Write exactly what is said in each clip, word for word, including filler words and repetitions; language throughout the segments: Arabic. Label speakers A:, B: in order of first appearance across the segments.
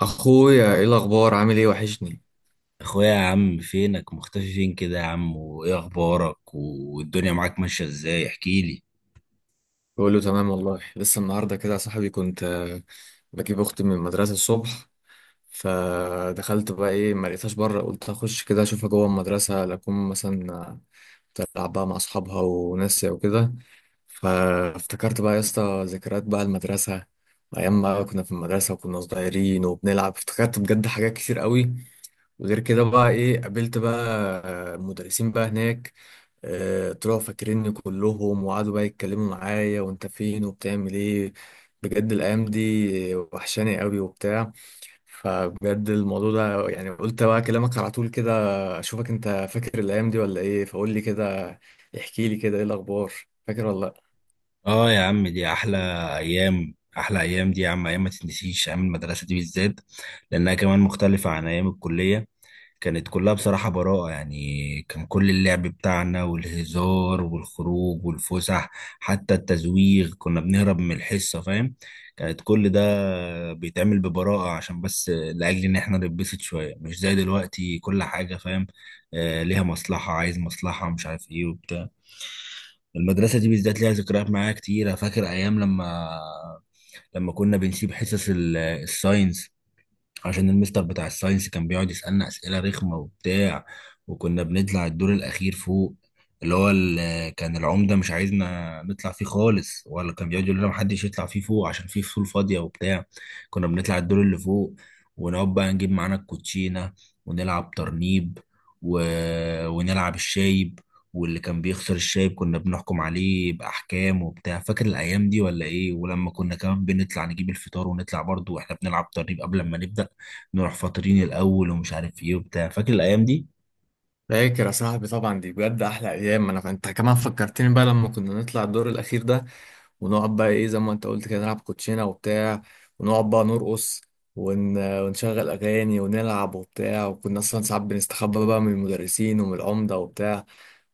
A: اخويا ايه الاخبار عامل ايه وحشني.
B: اخويا يا عم فينك مختفي فين كده يا عم؟ وايه اخبارك والدنيا معاك ماشيه ازاي؟ احكي لي.
A: بقول له تمام والله. لسه النهارده كده يا صاحبي كنت آه، بجيب اختي من المدرسه الصبح. فدخلت بقى ايه ما لقيتهاش بره، قلت اخش كده اشوفها جوه المدرسه لاكون مثلا آه، تلعب بقى مع اصحابها وناس وكده. فافتكرت بقى يا اسطى ذكريات بقى المدرسه، ايام ما كنا في المدرسه وكنا صغيرين وبنلعب، افتكرت بجد حاجات كتير قوي. وغير كده بقى ايه قابلت بقى آه، مدرسين بقى هناك، آه، طلعوا فاكريني كلهم وقعدوا بقى يتكلموا معايا، وانت فين وبتعمل ايه. بجد الايام دي وحشاني قوي وبتاع. فبجد الموضوع ده يعني قلت بقى اكلمك على طول كده، اشوفك انت فاكر الايام دي ولا ايه، فقول لي كده، احكي لي كده ايه الاخبار، فاكر ولا لا؟
B: اه يا عم، دي احلى ايام. احلى ايام دي يا عم. ايام ما تتنسيش، ايام المدرسه دي بالذات، لانها كمان مختلفه عن ايام الكليه. كانت كلها بصراحة براءة، يعني كان كل اللعب بتاعنا والهزار والخروج والفسح، حتى التزويغ كنا بنهرب من الحصة، فاهم؟ كانت كل ده بيتعمل ببراءة عشان بس لأجل إن إحنا نتبسط شوية، مش زي دلوقتي كل حاجة، فاهم؟ آه، ليها مصلحة، عايز مصلحة، مش عارف إيه وبتاع. المدرسة دي بالذات ليها ذكريات معايا كتير. أنا فاكر أيام لما لما كنا بنسيب حصص ال- الساينس، عشان المستر بتاع الساينس كان بيقعد يسألنا أسئلة رخمة وبتاع. وكنا بنطلع الدور الأخير فوق، اللي هو اللي كان العمدة مش عايزنا نطلع فيه خالص، ولا كان بيقعد يقول لنا محدش يطلع فيه فوق عشان فيه فصول فاضية وبتاع. كنا بنطلع الدور اللي فوق ونقعد بقى نجيب معانا الكوتشينة، ونلعب ترنيب، و... ونلعب الشايب، واللي كان بيخسر الشايب كنا بنحكم عليه بأحكام وبتاع. فاكر الأيام دي ولا إيه؟ ولما كنا كمان بنطلع نجيب الفطار ونطلع برضو وإحنا بنلعب ترنيب قبل ما نبدأ، نروح فاطرين الاول ومش عارف ايه وبتاع. فاكر الايام دي؟
A: فاكر يا صاحبي طبعا، دي بجد احلى ايام، انا انت كمان فكرتني بقى لما كنا نطلع الدور الاخير ده، ونقعد بقى ايه زي ما انت قلت كده نلعب كوتشينه وبتاع، ونقعد بقى نرقص، ون... ونشغل اغاني ونلعب وبتاع، وكنا اصلا ساعات بنستخبى بقى من المدرسين ومن العمده وبتاع.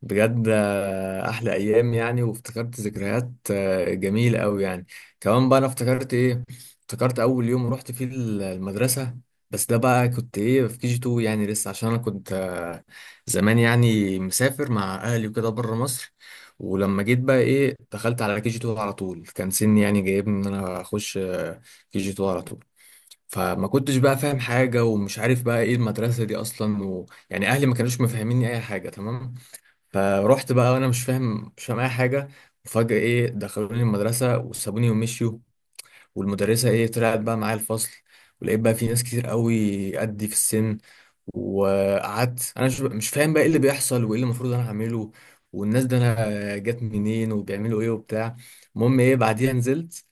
A: بجد آه، احلى ايام يعني، وافتكرت ذكريات آه، جميله قوي يعني. كمان بقى انا افتكرت ايه، افتكرت اول يوم رحت فيه المدرسه. بس ده بقى كنت ايه في كي جي اتنين يعني لسه، عشان انا كنت آه، زمان يعني مسافر مع اهلي وكده بره مصر. ولما جيت بقى ايه دخلت على كي جي اتنين على طول، كان سني يعني جايبني ان انا اخش كي جي اتنين على طول. فما كنتش بقى فاهم حاجه ومش عارف بقى ايه المدرسه دي اصلا و... يعني اهلي ما كانوش مفهميني اي حاجه تمام. فروحت بقى وانا مش فاهم مش فاهم اي حاجه. وفجاه ايه دخلوني المدرسه وسابوني ومشيوا. والمدرسة ايه طلعت بقى معايا الفصل، ولقيت بقى في ناس كتير قوي قدي في السن. وقعدت انا مش مش فاهم بقى ايه اللي بيحصل وايه اللي المفروض انا اعمله، والناس ده انا جت منين وبيعملوا ايه وبتاع. المهم ايه بعديها نزلت،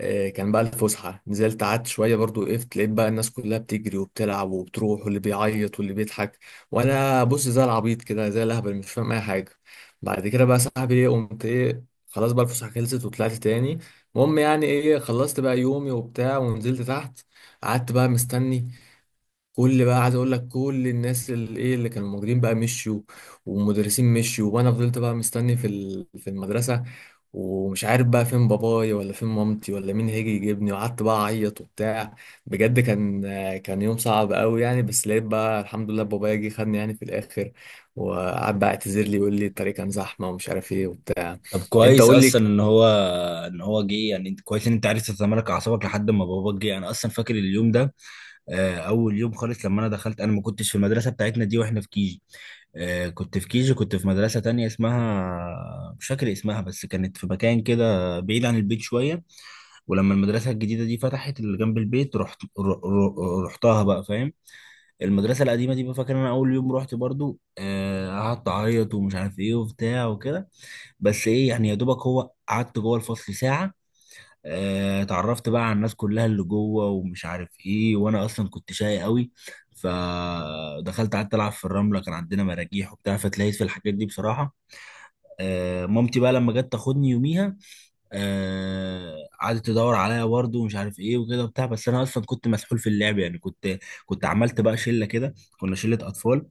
A: آه، كان بقى الفسحة، نزلت قعدت شوية برضو، وقفت لقيت بقى الناس كلها بتجري وبتلعب وبتروح، واللي بيعيط واللي بيضحك، وأنا بص زي العبيط كده زي الأهبل مش فاهم أي حاجة. بعد كده بقى صاحبي إيه قمت إيه، خلاص بقى الفسحة خلصت وطلعت تاني. المهم يعني إيه خلصت بقى يومي وبتاع، ونزلت تحت، قعدت بقى مستني. كل بقى عايز اقول لك كل الناس اللي ايه اللي كانوا موجودين بقى مشيوا، والمدرسين مشيوا، وانا فضلت بقى مستني في ال- في المدرسه. ومش عارف بقى فين بابايا ولا فين مامتي ولا مين هيجي يجيبني، وقعدت بقى اعيط وبتاع. بجد كان كان يوم صعب قوي يعني، بس لقيت بقى الحمد لله بابايا جه خدني يعني في الاخر، وقعد بقى اعتذر لي يقول لي الطريق كان زحمه ومش عارف ايه وبتاع.
B: طب
A: انت
B: كويس
A: قول لي.
B: اصلا ان هو، ان هو جه يعني. انت كويس ان انت عرفت تتمالك اعصابك لحد ما باباك جه. انا اصلا فاكر اليوم ده. آه، اول يوم خالص لما انا دخلت، انا ما كنتش في المدرسه بتاعتنا دي واحنا في كيجي. آه، كنت في كيجي، كنت في مدرسه تانية اسمها، مش فاكر اسمها، بس كانت في مكان كده بعيد عن البيت شويه. ولما المدرسه الجديده دي فتحت اللي جنب البيت رحت ر- ر- رحتها بقى، فاهم؟ المدرسه القديمه دي بقى فاكر انا اول يوم رحت، برضو آه، قعدت اعيط ومش عارف ايه وبتاع وكده. بس ايه يعني، يا دوبك هو قعدت جوه الفصل ساعه. آه، اتعرفت بقى على الناس كلها اللي جوه ومش عارف ايه، وانا اصلا كنت شاي قوي. فدخلت قعدت العب في الرمله، كان عندنا مراجيح وبتاع، فتلاقيت في الحاجات دي بصراحه. آه، مامتي بقى لما جت تاخدني يوميها، آه، قعدت تدور عليا برضه ومش عارف ايه وكده وبتاع، بس انا اصلا كنت مسحول في اللعب يعني. كنت كنت عملت بقى شله كده، كنا شله اطفال.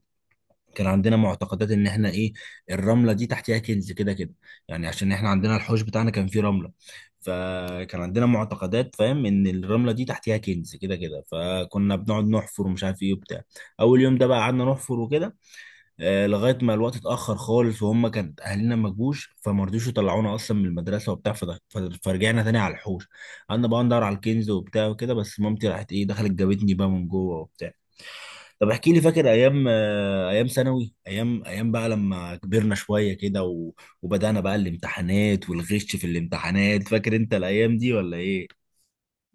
B: كان عندنا معتقدات ان احنا ايه، الرمله دي تحتها كنز كده كده، يعني عشان احنا عندنا الحوش بتاعنا كان فيه رمله، فكان عندنا معتقدات، فاهم، ان الرمله دي تحتها كنز كده كده، فكنا بنقعد نحفر ومش عارف ايه وبتاع. اول يوم ده بقى قعدنا نحفر وكده، آه لغايه ما الوقت اتاخر خالص، وهم كان اهالينا ما جوش، فما رضوش يطلعونا اصلا من المدرسه وبتاع فده- فرجعنا تاني على الحوش، قعدنا بقى ندور على الكنز وبتاع وكده، بس مامتي راحت ايه دخلت جابتني بقى من جوه وبتاع. طب احكي لي، فاكر ايام، آه، ايام ثانوي، ايام ايام بقى لما كبرنا شويه كده، و... وبدانا بقى الامتحانات والغش في الامتحانات. فاكر انت الايام دي ولا ايه؟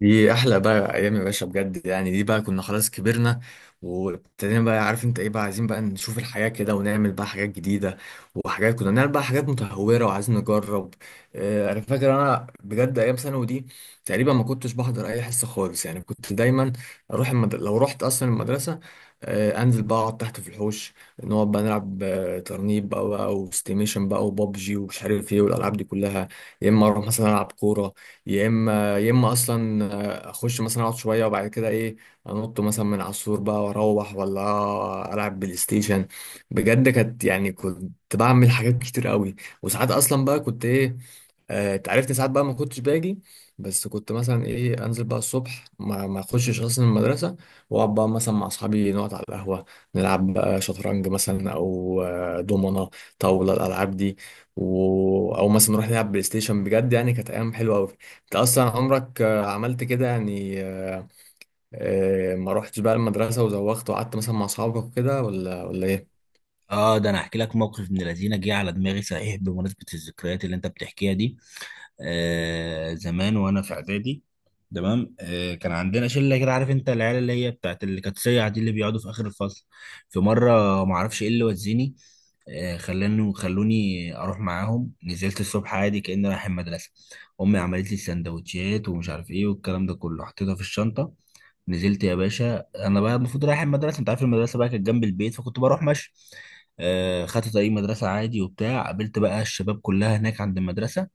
A: دي احلى بقى ايام يا باشا، بجد يعني دي بقى كنا خلاص كبرنا، وابتدينا بقى عارف انت ايه بقى عايزين بقى نشوف الحياة كده، ونعمل بقى حاجات جديدة، وحاجات كنا بنعمل بقى حاجات متهورة وعايزين نجرب. آه، انا فاكر انا بجد ايام ثانوي دي تقريبا ما كنتش بحضر اي حصة خالص، يعني كنت دايما اروح المد... لو رحت اصلا المدرسة، آه، انزل بقى اقعد تحت في الحوش، نقعد بقى نلعب آه، ترنيب بقى بقى وستيميشن بقى وبابجي، ومش عارف ايه والالعاب دي كلها. يا اما اروح مثلا العب كورة، يا اما يا اما اصلا اخش مثلا اقعد شويه، وبعد كده ايه انط مثلا من على السور بقى واروح، ولا العب بلاي ستيشن. بجد كانت يعني كنت بعمل حاجات كتير قوي، وساعات اصلا بقى كنت ايه، آه، اتعرفت ساعات بقى ما كنتش باجي، بس كنت مثلا ايه انزل بقى الصبح، ما ما اخشش اصلا المدرسه، واقعد بقى مثلا مع اصحابي نقعد على القهوه، نلعب بقى شطرنج مثلا او آه، دومنه، طاوله الالعاب دي، و... او مثلا نروح نلعب بلاي ستيشن. بجد يعني كانت ايام حلوه قوي. انت اصلا عمرك آه، عملت كده يعني، آه، آه، ما روحتش بقى المدرسه وزوغت وقعدت مثلا مع اصحابك وكده، ولا ولا ايه؟
B: اه ده انا احكي لك موقف من الذين جه على دماغي صحيح بمناسبه الذكريات اللي انت بتحكيها دي. آه زمان وانا في اعدادي، تمام، آه كان عندنا شله كده، عارف انت العيال اللي هي بتاعت اللي كانت سيعه دي اللي بيقعدوا في اخر الفصل. في مره ما اعرفش ايه اللي وزني، آه خلاني خلوني اروح معاهم. نزلت الصبح عادي كاني رايح المدرسه، امي عملت لي السندوتشات ومش عارف ايه والكلام ده كله، حطيتها في الشنطه، نزلت يا باشا. انا بقى المفروض رايح المدرسه، انت عارف المدرسه بقى كانت جنب البيت فكنت بروح ماشي. آه خدت طريق مدرسه عادي وبتاع، قابلت بقى الشباب كلها هناك عند المدرسه،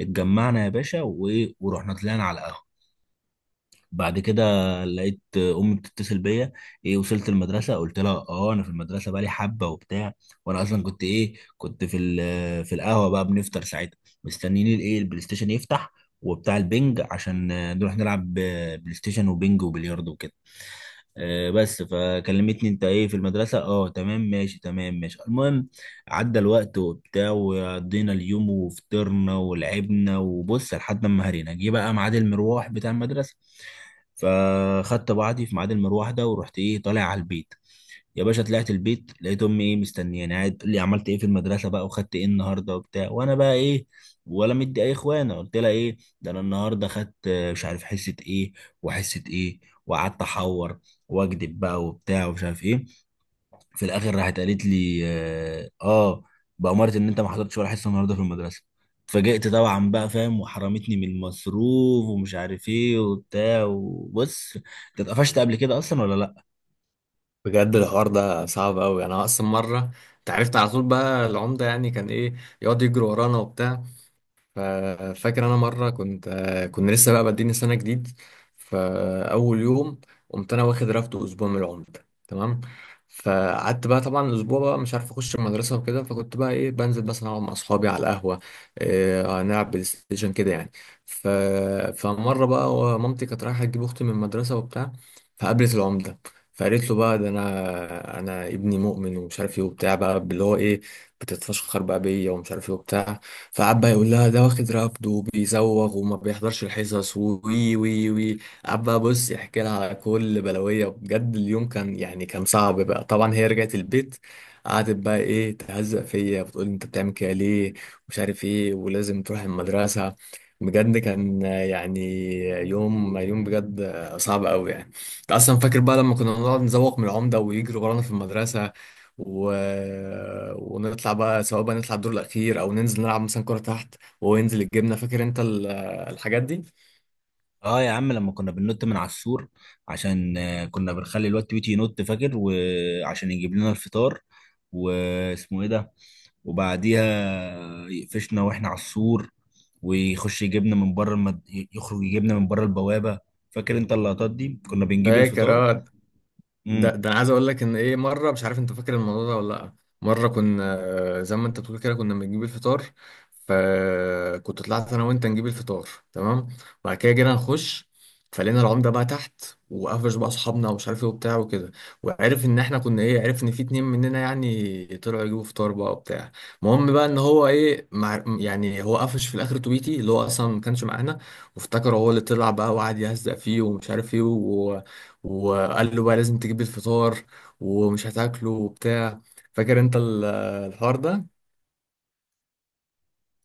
B: اتجمعنا يا باشا و- ورحنا طلعنا على القهوة. بعد كده لقيت امي بتتصل بيا، ايه وصلت المدرسه؟ قلت لها اه انا في المدرسه بقالي حبه وبتاع، وانا اصلا كنت ايه، كنت في ال- في القهوه بقى بنفطر ساعتها، مستنيين الايه البلاي ستيشن يفتح وبتاع البنج، عشان آه، نروح نلعب آه، بلاي ستيشن وبنج وبلياردو وكده. آه، بس فكلمتني انت ايه في المدرسه؟ اه تمام ماشي، تمام ماشي. المهم عدى الوقت وبتاع، وقضينا اليوم وفطرنا ولعبنا وبص، لحد ما هرينا جه بقى ميعاد المروح بتاع المدرسه، فخدت بعضي في ميعاد المروح ده ورحت ايه طالع على البيت. يا باشا طلعت البيت لقيت امي ايه مستنياني، قاعد تقول لي عملت ايه في المدرسه بقى، وخدت ايه النهارده وبتاع، وانا بقى ايه ولا مدي اي اخوانه. قلت لها ايه، ده انا النهارده خدت آه، مش عارف حصه ايه، وحصه ايه، وقعدت احور واكذب بقى وبتاع ومش عارف ايه. في الاخر راحت قالت لي اه آه، بأمارة ان انت ما حضرتش ولا حصه النهارده في المدرسه. اتفاجئت طبعا بقى، فاهم، وحرمتني من المصروف ومش عارف ايه وبتاع. وبص، انت اتقفشت قبل كده اصلا ولا لا؟
A: بجد الحوار ده صعب قوي. انا اصلا مره، انت عرفت على طول بقى العمده يعني كان ايه يقعد يجري ورانا وبتاع. ففاكر انا مره كنت آه، كنا لسه بقى بادئين السنه جديد، فاول يوم قمت انا واخد رفد اسبوع من العمده تمام. فقعدت بقى طبعا الاسبوع بقى مش عارف اخش المدرسه وكده، فكنت بقى ايه بنزل مثلا اقعد مع اصحابي على القهوه، إيه نلعب بلاي ستيشن كده يعني. ف... فمره بقى مامتي كانت رايحه تجيب اختي من المدرسه وبتاع، فقابلت العمده، فقالت له بقى ده انا انا ابني مؤمن ومش عارف ايه وبتاع، بقى اللي هو ايه، بتتفشخر بقى بيا ومش عارف ايه وبتاع. فقعد بقى يقول لها ده واخد رفض وبيزوغ وما بيحضرش الحصص وي وي وي قعد بقى بص يحكي لها على كل بلوية، بجد اليوم كان يعني كان صعب بقى طبعا، هي رجعت البيت قعدت بقى ايه تهزق فيا، بتقول انت بتعمل كده ليه ومش عارف ايه ولازم تروح المدرسة. بجد كان آه، يعني يوم يوم بجد آه، صعب قوي يعني. انت اصلا فاكر بقى لما كنا نقعد نزوق من العمدة ويجري ورانا في المدرسة، و... ونطلع بقى، سواء بقى نطلع الدور الاخير او ننزل نلعب مثلا كرة تحت، وينزل الجبنة. فاكر انت ال- الحاجات دي؟
B: اه يا عم لما كنا بننط من على السور، عشان آه، كنا بنخلي الواد تويتي ينط، فاكر، وعشان يجيب لنا الفطار، واسمه ايه ده. وبعديها يقفشنا واحنا على السور، ويخش يجيبنا من بره المد... يخرج يجيبنا من بره البوابة. فاكر انت اللقطات دي؟ كنا بنجيب
A: فاكر،
B: الفطار.
A: اه. ده ده انا عايز اقول لك ان ايه مره، مش عارف انت فاكر الموضوع ده ولا لا. مره كنا زي ما انت بتقول كده كنا بنجيب الفطار. فكنت طلعت انا وانت نجيب الفطار تمام، وبعد كده جينا نخش، فلقينا العمده بقى تحت، وقفش بقى اصحابنا ومش عارف ايه وبتاع وكده، وعرف ان احنا كنا ايه، عرف ان في اتنين مننا يعني طلعوا يجيبوا فطار بقى وبتاع. المهم بقى ان هو ايه مع يعني هو قفش في الاخر توبيتي، اللي هو اصلا ما كانش معانا، وافتكر هو اللي طلع بقى وقعد يهزق فيه ومش عارف ايه، وقال له بقى لازم تجيب الفطار ومش هتاكله وبتاع. فاكر انت ال- الحوار ده؟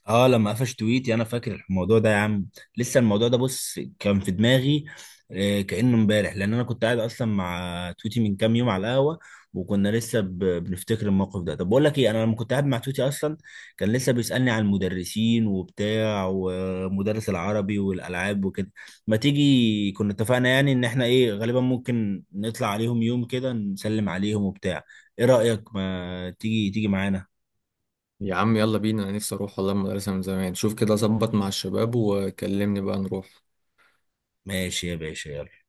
B: اه لما قفش تويتي، انا فاكر الموضوع ده يا عم، لسه الموضوع ده بص كان في دماغي آه، كأنه امبارح، لان انا كنت قاعد اصلا مع تويتي من كام يوم على القهوه، وكنا لسه ب- بنفتكر الموقف ده. طب بقول لك ايه، انا لما كنت قاعد مع تويتي اصلا كان لسه بيسألني عن المدرسين وبتاع، ومدرس العربي والالعاب وكده. ما تيجي، كنا اتفقنا يعني ان احنا ايه غالبا ممكن نطلع عليهم يوم كده نسلم عليهم وبتاع. ايه رأيك، ما تيجي تيجي معانا؟
A: يا عم يلا بينا، انا نفسي اروح والله المدرسة من زمان، شوف كده ظبط مع الشباب وكلمني بقى نروح.
B: ماشي يا باشا، يلا.